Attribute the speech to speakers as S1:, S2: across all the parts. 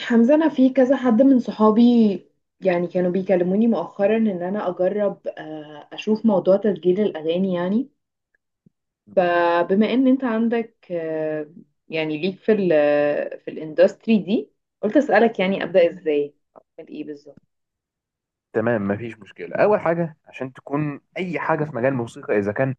S1: حمزة، أنا في كذا حد من صحابي كانوا بيكلموني مؤخرا إن أنا أجرب أشوف موضوع تسجيل الأغاني يعني. فبما إن أنت عندك يعني ليك في في الإندستري دي، قلت أسألك يعني
S2: مم.
S1: أبدأ إزاي، أعمل إيه بالظبط.
S2: تمام، مفيش مشكلة. أول حاجة عشان تكون أي حاجة في مجال الموسيقى، إذا كان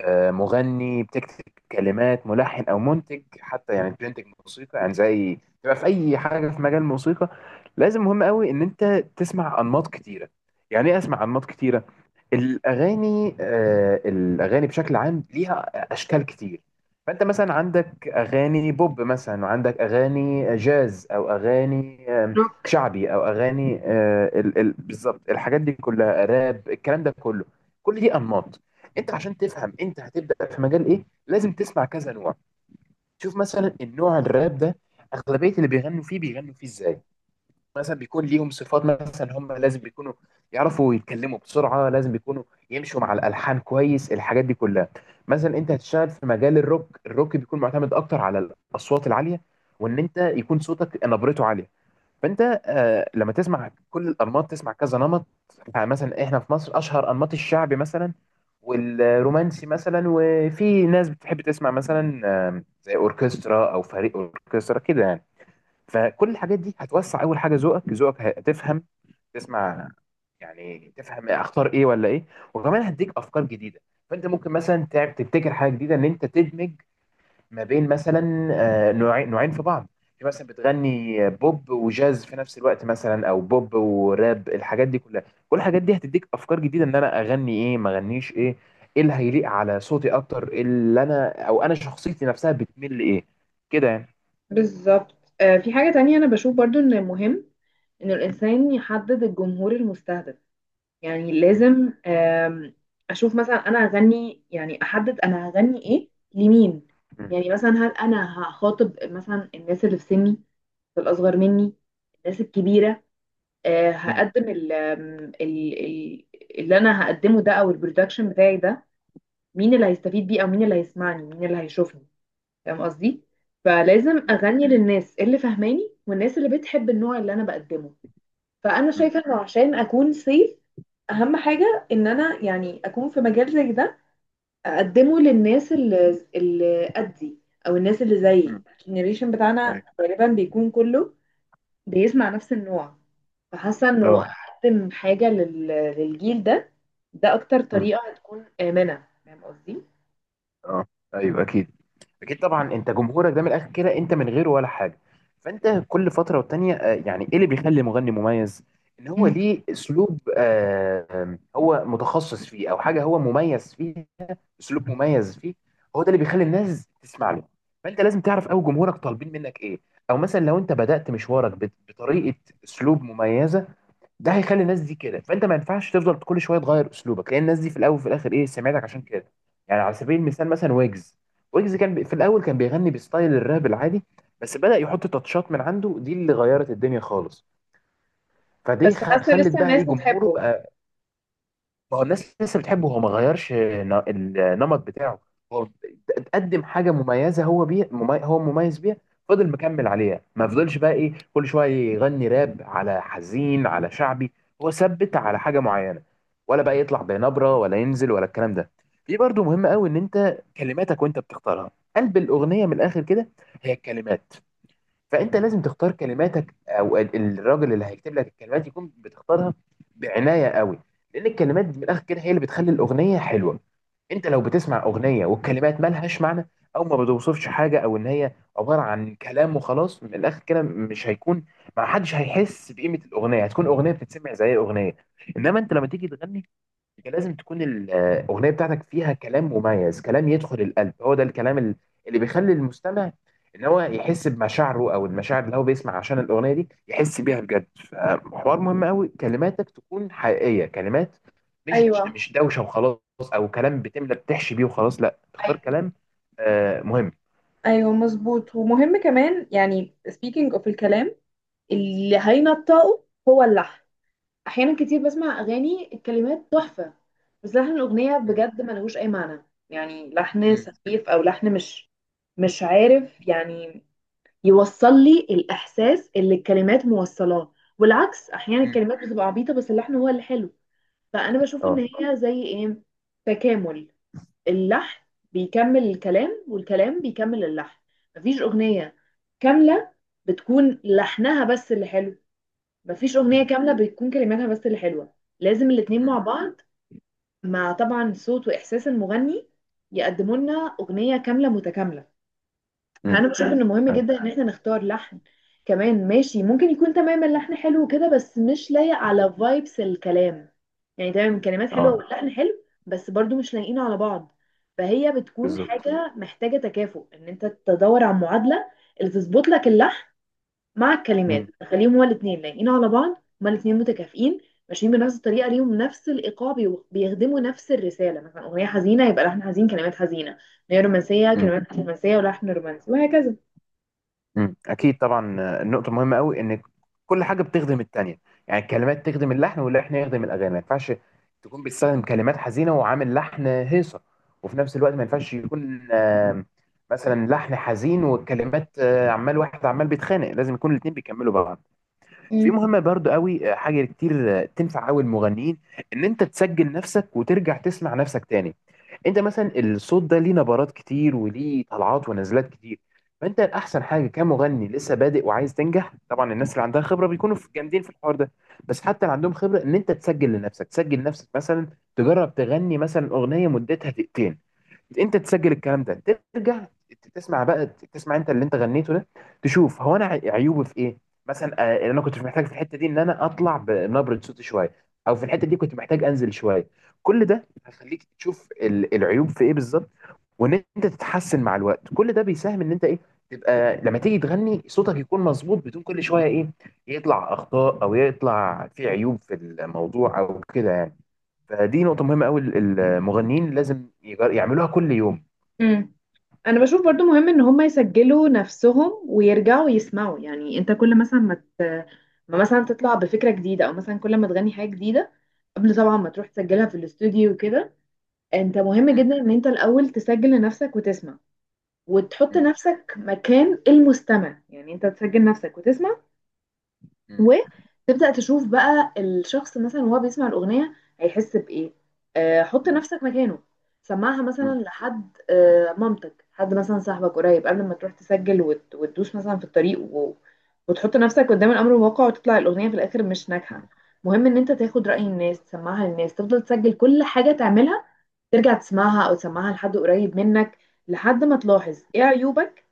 S2: مغني بتكتب كلمات، ملحن أو منتج، حتى يعني بتنتج موسيقى، يعني زي، تبقى في أي حاجة في مجال الموسيقى لازم مهم قوي إن أنت تسمع أنماط كتيرة. يعني إيه أسمع أنماط كتيرة؟ الأغاني بشكل عام ليها أشكال كتير. فأنت مثلا عندك أغاني بوب مثلا، وعندك أغاني جاز، أو أغاني
S1: روك.
S2: شعبي، أو أغاني بالظبط الحاجات دي كلها، راب، الكلام ده كله، كل دي أنماط. أنت عشان تفهم أنت هتبدأ في مجال إيه لازم تسمع كذا نوع. شوف مثلا النوع الراب ده، أغلبية اللي بيغنوا فيه بيغنوا فيه إزاي. مثلا بيكون ليهم صفات، مثلا هم لازم بيكونوا يعرفوا يتكلموا بسرعة، لازم بيكونوا يمشوا مع الألحان كويس، الحاجات دي كلها. مثلا انت هتشتغل في مجال الروك، الروك بيكون معتمد اكتر على الأصوات العالية، وان انت يكون صوتك نبرته عالية. فانت لما تسمع كل الأنماط تسمع كذا نمط. مثلا احنا في مصر اشهر انماط الشعبي مثلا، والرومانسي مثلا، وفي ناس بتحب تسمع مثلا زي اوركسترا او فريق اوركسترا كده يعني. فكل الحاجات دي هتوسع اول حاجه ذوقك ذوقك هتفهم تسمع، يعني تفهم اختار ايه ولا ايه. وكمان هديك افكار جديده. فانت ممكن مثلا تعب تبتكر حاجه جديده ان انت تدمج ما بين مثلا نوعين نوعين في بعض. في مثلا بتغني بوب وجاز في نفس الوقت مثلا، او بوب وراب، الحاجات دي كلها. كل الحاجات دي هتديك افكار جديده، ان انا اغني ايه، ما اغنيش ايه، ايه اللي هيليق على صوتي اكتر، إيه اللي انا او انا شخصيتي نفسها بتميل لايه، كده يعني.
S1: بالظبط. آه، في حاجة تانية أنا بشوف برضو إن مهم إن الإنسان يحدد الجمهور المستهدف. يعني
S2: م-
S1: لازم اشوف مثلا انا هغني، يعني احدد انا هغني ايه لمين.
S2: م-
S1: يعني مثلا هل انا هخاطب مثلا الناس اللي في سني، الاصغر مني، الناس الكبيره؟ آه،
S2: م-
S1: هقدم ال- ال- اللي انا هقدمه ده او البرودكشن بتاعي ده، مين اللي هيستفيد بيه او مين اللي هيسمعني، مين اللي هيشوفني؟ فاهم قصدي؟ فلازم
S2: م-
S1: اغني للناس اللي فهماني والناس اللي بتحب النوع اللي انا بقدمه. فانا
S2: م.
S1: شايفه انه عشان اكون سيف، اهم حاجه ان انا يعني اكون في مجال زي ده، اقدمه للناس اللي قدي، او الناس اللي زيي.
S2: مم.
S1: الجنريشن
S2: أيوة.
S1: بتاعنا غالبا بيكون كله بيسمع نفس النوع، فحاسه انه
S2: اه.
S1: اقدم حاجه للجيل ده. ده اكتر
S2: مم.
S1: طريقه هتكون امنه، فاهم قصدي؟
S2: اه، ايوه، اكيد. اكيد طبعا انت جمهورك ده من الاخر كده انت من غيره ولا حاجه. فانت كل فتره والتانيه يعني ايه اللي بيخلي مغني مميز؟ ان هو
S1: مم.
S2: ليه اسلوب، آه، آم، هو متخصص فيه او حاجه هو مميز فيه، اسلوب مميز فيه، هو ده اللي بيخلي الناس تسمع له. فانت لازم تعرف قوي جمهورك طالبين منك ايه. او مثلا لو انت بدأت مشوارك بطريقه، اسلوب مميزه، ده هيخلي الناس دي كده. فانت ما ينفعش تفضل كل شويه تغير اسلوبك، لان الناس دي في الاول وفي الاخر ايه، سمعتك، عشان كده. يعني على سبيل المثال مثلا ويجز، ويجز كان في الاول كان بيغني بستايل الراب العادي، بس بدأ يحط تاتشات من عنده، دي اللي غيرت الدنيا خالص. فدي
S1: بس حاسه
S2: خلت
S1: لسه
S2: بقى ايه
S1: الناس
S2: جمهوره
S1: بتحبه.
S2: بقى. ما هو الناس لسه بتحبه، هو ما غيرش النمط بتاعه. هو قدم حاجه مميزه، هو مميز بيها. فضل مكمل عليها، ما فضلش بقى ايه كل شويه يغني راب على حزين على شعبي، هو ثبت على حاجه معينه، ولا بقى يطلع بنبره ولا ينزل ولا الكلام ده. في برضو مهم قوي ان انت كلماتك وانت بتختارها، قلب الاغنيه من الاخر كده هي الكلمات. فانت لازم تختار كلماتك، او الراجل اللي هيكتب لك الكلمات يكون بتختارها بعنايه قوي، لان الكلمات من الاخر كده هي اللي بتخلي الاغنيه حلوه. انت لو بتسمع اغنيه والكلمات مالهاش معنى، او ما بتوصفش حاجه، او ان هي عباره عن كلام وخلاص، من الاخر كده مش هيكون، ما حدش هيحس بقيمه الاغنيه، هتكون اغنيه بتتسمع زي اغنيه. انما انت لما تيجي تغني، انت لازم تكون الاغنيه بتاعتك فيها كلام مميز، كلام يدخل القلب، هو ده الكلام اللي بيخلي المستمع ان هو يحس بمشاعره، او المشاعر اللي هو بيسمع عشان الاغنيه دي يحس بيها بجد. فحوار مهم قوي كلماتك تكون حقيقيه، كلمات مش
S1: ايوه.
S2: مش دوشه وخلاص، او كلام بتملى، بتحشي بيه وخلاص، لا، تختار
S1: أي-
S2: كلام مهم.
S1: ايوه، مظبوط. ومهم كمان يعني speaking of الكلام اللي هينطقه، هو اللحن. احيانا كتير بسمع اغاني الكلمات تحفه، بس لحن الاغنيه
S2: مم.
S1: بجد ملهوش اي معنى، يعني لحن
S2: مم.
S1: سخيف او لحن مش عارف يعني يوصل لي الاحساس اللي الكلمات موصلاه. والعكس، احيانا
S2: مم.
S1: الكلمات بتبقى عبيطه بس اللحن هو اللي حلو. فانا بشوف ان
S2: اه.
S1: هي زي ايه، تكامل. اللحن بيكمل الكلام والكلام بيكمل اللحن. مفيش اغنيه كامله بتكون لحنها بس اللي حلو، مفيش اغنيه
S2: مم.
S1: كامله بتكون كلماتها بس اللي حلوه. لازم الاتنين
S2: مم.
S1: مع بعض، مع طبعا صوت واحساس المغني، يقدموا لنا اغنيه كامله متكامله.
S2: امم.
S1: انا بشوف ان مهم
S2: ايوه.
S1: جدا ان احنا نختار لحن كمان ماشي. ممكن يكون تمام اللحن حلو وكده بس مش لايق على فايبس الكلام. يعني تمام الكلمات حلوه
S2: اه.
S1: واللحن حلو بس برضو مش لايقين على بعض. فهي بتكون
S2: بالظبط.
S1: حاجه محتاجه تكافؤ، ان انت تدور على معادله اللي تظبط لك اللحن مع الكلمات، خليهم هما الاثنين لايقين على بعض، هما الاثنين متكافئين ماشيين بنفس الطريقه، ليهم نفس الايقاع، بيخدموا نفس الرساله. مثلا اغنيه حزينه يبقى لحن حزين كلمات حزينه، اغنيه رومانسيه
S2: امم.
S1: كلمات رومانسيه ولحن رومانسي، وهكذا.
S2: مم. اكيد طبعا النقطه مهمه قوي ان كل حاجه بتخدم التانيه، يعني الكلمات تخدم اللحن، واللحن يخدم الاغاني. ما ينفعش تكون بتستخدم كلمات حزينه وعامل لحن هيصه، وفي نفس الوقت ما ينفعش يكون مثلا لحن حزين والكلمات عمال واحد عمال بيتخانق، لازم يكون الاتنين بيكملوا بعض. في
S1: مم.
S2: مهمة برضو قوي، حاجة كتير تنفع قوي المغنيين، ان انت تسجل نفسك وترجع تسمع نفسك تاني. انت مثلا الصوت ده ليه نبرات كتير، وليه طلعات ونزلات كتير. فانت الاحسن حاجة كمغني لسه بادئ وعايز تنجح، طبعا الناس اللي عندها خبرة بيكونوا جامدين في الحوار ده، بس حتى اللي عندهم خبرة، ان انت تسجل لنفسك، تسجل نفسك مثلا تجرب تغني مثلا اغنية مدتها دقيقتين، انت تسجل الكلام ده، ترجع تسمع بقى، تسمع انت اللي انت غنيته ده، تشوف هو انا عيوبه في ايه. مثلا اللي انا كنت محتاج في الحته دي ان انا اطلع بنبره صوتي شويه، او في الحته دي كنت محتاج انزل شويه. كل ده هيخليك تشوف العيوب في ايه بالظبط، وان انت تتحسن مع الوقت. كل ده بيساهم ان انت ايه، تبقى لما تيجي تغني صوتك يكون مظبوط، بدون كل شويه ايه، يطلع اخطاء او يطلع في عيوب في الموضوع، او كده يعني. فدي نقطه مهمه قوي المغنيين لازم يعملوها كل يوم.
S1: مم. انا بشوف برضو مهم ان هم يسجلوا نفسهم ويرجعوا يسمعوا. يعني انت كل مثلا ما مثلا تطلع بفكره جديده، او مثلا كل ما تغني حاجه جديده، قبل طبعا ما تروح تسجلها في الاستوديو وكده، انت مهم
S2: مم.
S1: جدا ان انت الاول تسجل لنفسك وتسمع، وتحط
S2: مم.
S1: نفسك مكان المستمع. يعني انت تسجل نفسك وتسمع،
S2: مم.
S1: وتبدأ تشوف بقى الشخص مثلا وهو بيسمع الأغنية هيحس بإيه. آه، حط
S2: مم.
S1: نفسك مكانه. سمعها مثلا
S2: مم.
S1: لحد، آه، مامتك، حد مثلا صاحبك قريب، قبل ما تروح تسجل وتدوس مثلا في الطريق وتحط نفسك قدام الأمر الواقع وتطلع الأغنية في الآخر مش ناجحة.
S2: مم.
S1: مهم ان انت تاخد رأي
S2: بالظبط.
S1: الناس، تسمعها للناس، تفضل تسجل كل حاجة تعملها، ترجع تسمعها او تسمعها لحد قريب منك، لحد ما تلاحظ ايه عيوبك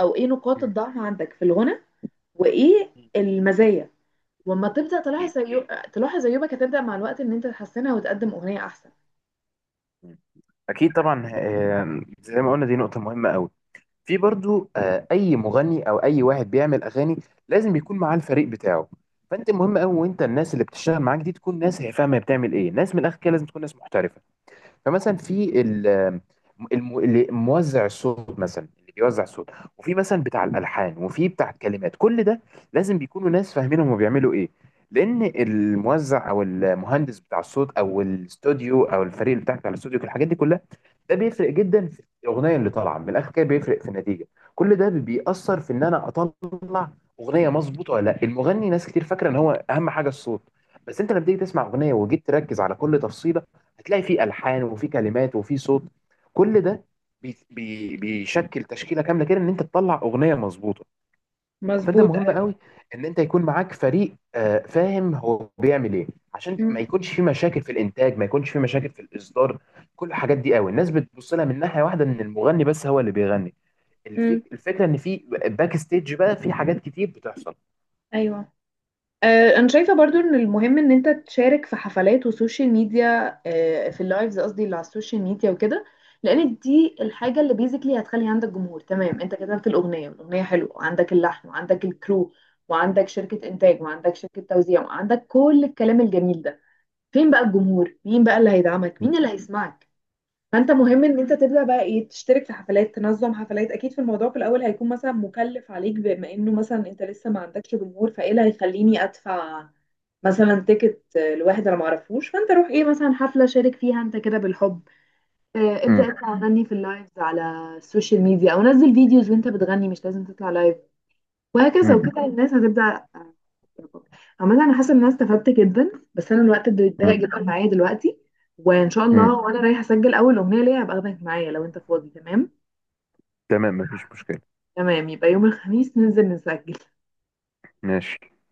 S1: او ايه نقاط
S2: مم.
S1: الضعف عندك في الغنى، وايه
S2: مم.
S1: المزايا. واما تبدا
S2: أكيد.
S1: تلاحظ تلاحظ عيوبك، هتبدا مع الوقت ان انت تحسنها وتقدم اغنيه احسن.
S2: مم. أكيد طبعا، زي ما قلنا دي نقطة مهمة أوي. في برضو أي مغني أو أي واحد بيعمل أغاني لازم يكون معاه الفريق بتاعه. فأنت مهم أوي، وأنت الناس اللي بتشتغل معاك دي تكون ناس هي فاهمة هي بتعمل إيه، ناس من الآخر كده لازم تكون ناس محترفة. فمثلا في اللي موزع الصوت مثلا، اللي بيوزع الصوت، وفي مثلا بتاع الالحان، وفي بتاع الكلمات، كل ده لازم بيكونوا ناس فاهمين هم بيعملوا ايه، لان الموزع او المهندس بتاع الصوت او الاستوديو او الفريق اللي بتاعك على الاستوديو، الحاجات دي كلها ده بيفرق جدا في الاغنيه اللي طالعه، من الاخر كده بيفرق في النتيجه. كل ده بيأثر في ان انا اطلع اغنيه مظبوطه ولا لا. المغني ناس كتير فاكره ان هو اهم حاجه الصوت، بس انت لما تيجي تسمع اغنيه وجيت تركز على كل تفصيله، هتلاقي فيه الحان وفيه كلمات وفيه صوت. كل ده بي بي بيشكل تشكيله كامله كده ان انت تطلع اغنيه مظبوطه. فانت
S1: مظبوط.
S2: مهم
S1: ايوه.
S2: قوي ان انت يكون معاك فريق فاهم هو بيعمل ايه، عشان ما يكونش في مشاكل في الانتاج، ما يكونش في مشاكل في الاصدار. كل الحاجات دي قوي الناس بتبص لها من ناحيه واحده، ان المغني بس هو اللي بيغني،
S1: امم.
S2: الفكره ان في باك ستيج بقى في حاجات كتير بتحصل.
S1: ايوه، آه، انا شايفه برضو ان المهم ان انت تشارك في حفلات وسوشيال ميديا. آه، في اللايفز، قصدي اللي على السوشيال ميديا وكده، لان دي الحاجه اللي بيزيكلي هتخلي عندك جمهور. تمام، انت كتبت الاغنيه والاغنيه حلوه وعندك اللحن وعندك الكرو وعندك شركه انتاج وعندك شركه توزيع وعندك كل الكلام الجميل ده، فين بقى الجمهور، مين بقى اللي هيدعمك،
S2: مم.
S1: مين اللي هيسمعك؟ فانت مهم ان انت تبدا بقى ايه، تشترك في حفلات، تنظم حفلات. اكيد في الموضوع في الاول هيكون مثلا مكلف عليك، بما انه مثلا انت لسه ما عندكش جمهور، فايه اللي هيخليني ادفع مثلا تيكت لواحد انا معرفوش؟ فانت روح ايه مثلا حفله شارك فيها انت كده بالحب. آه، ابدا
S2: مم.
S1: انت غني في اللايفز على السوشيال ميديا، او نزل فيديوز وانت بتغني، مش لازم تطلع لايف، وهكذا.
S2: مم.
S1: وكده الناس هتبدا آه، تعجبك. عموما انا حاسه ان انا استفدت جدا، بس انا الوقت بيتضايق
S2: مم.
S1: جدا معايا دلوقتي. وان شاء
S2: مم.
S1: الله وانا رايحه اسجل اول اغنيه ليا هبقى اخدك معايا لو انت فاضي، تمام؟
S2: تمام، مفيش مشكله.
S1: تمام، يبقى يوم الخميس ننزل نسجل.
S2: ماشي.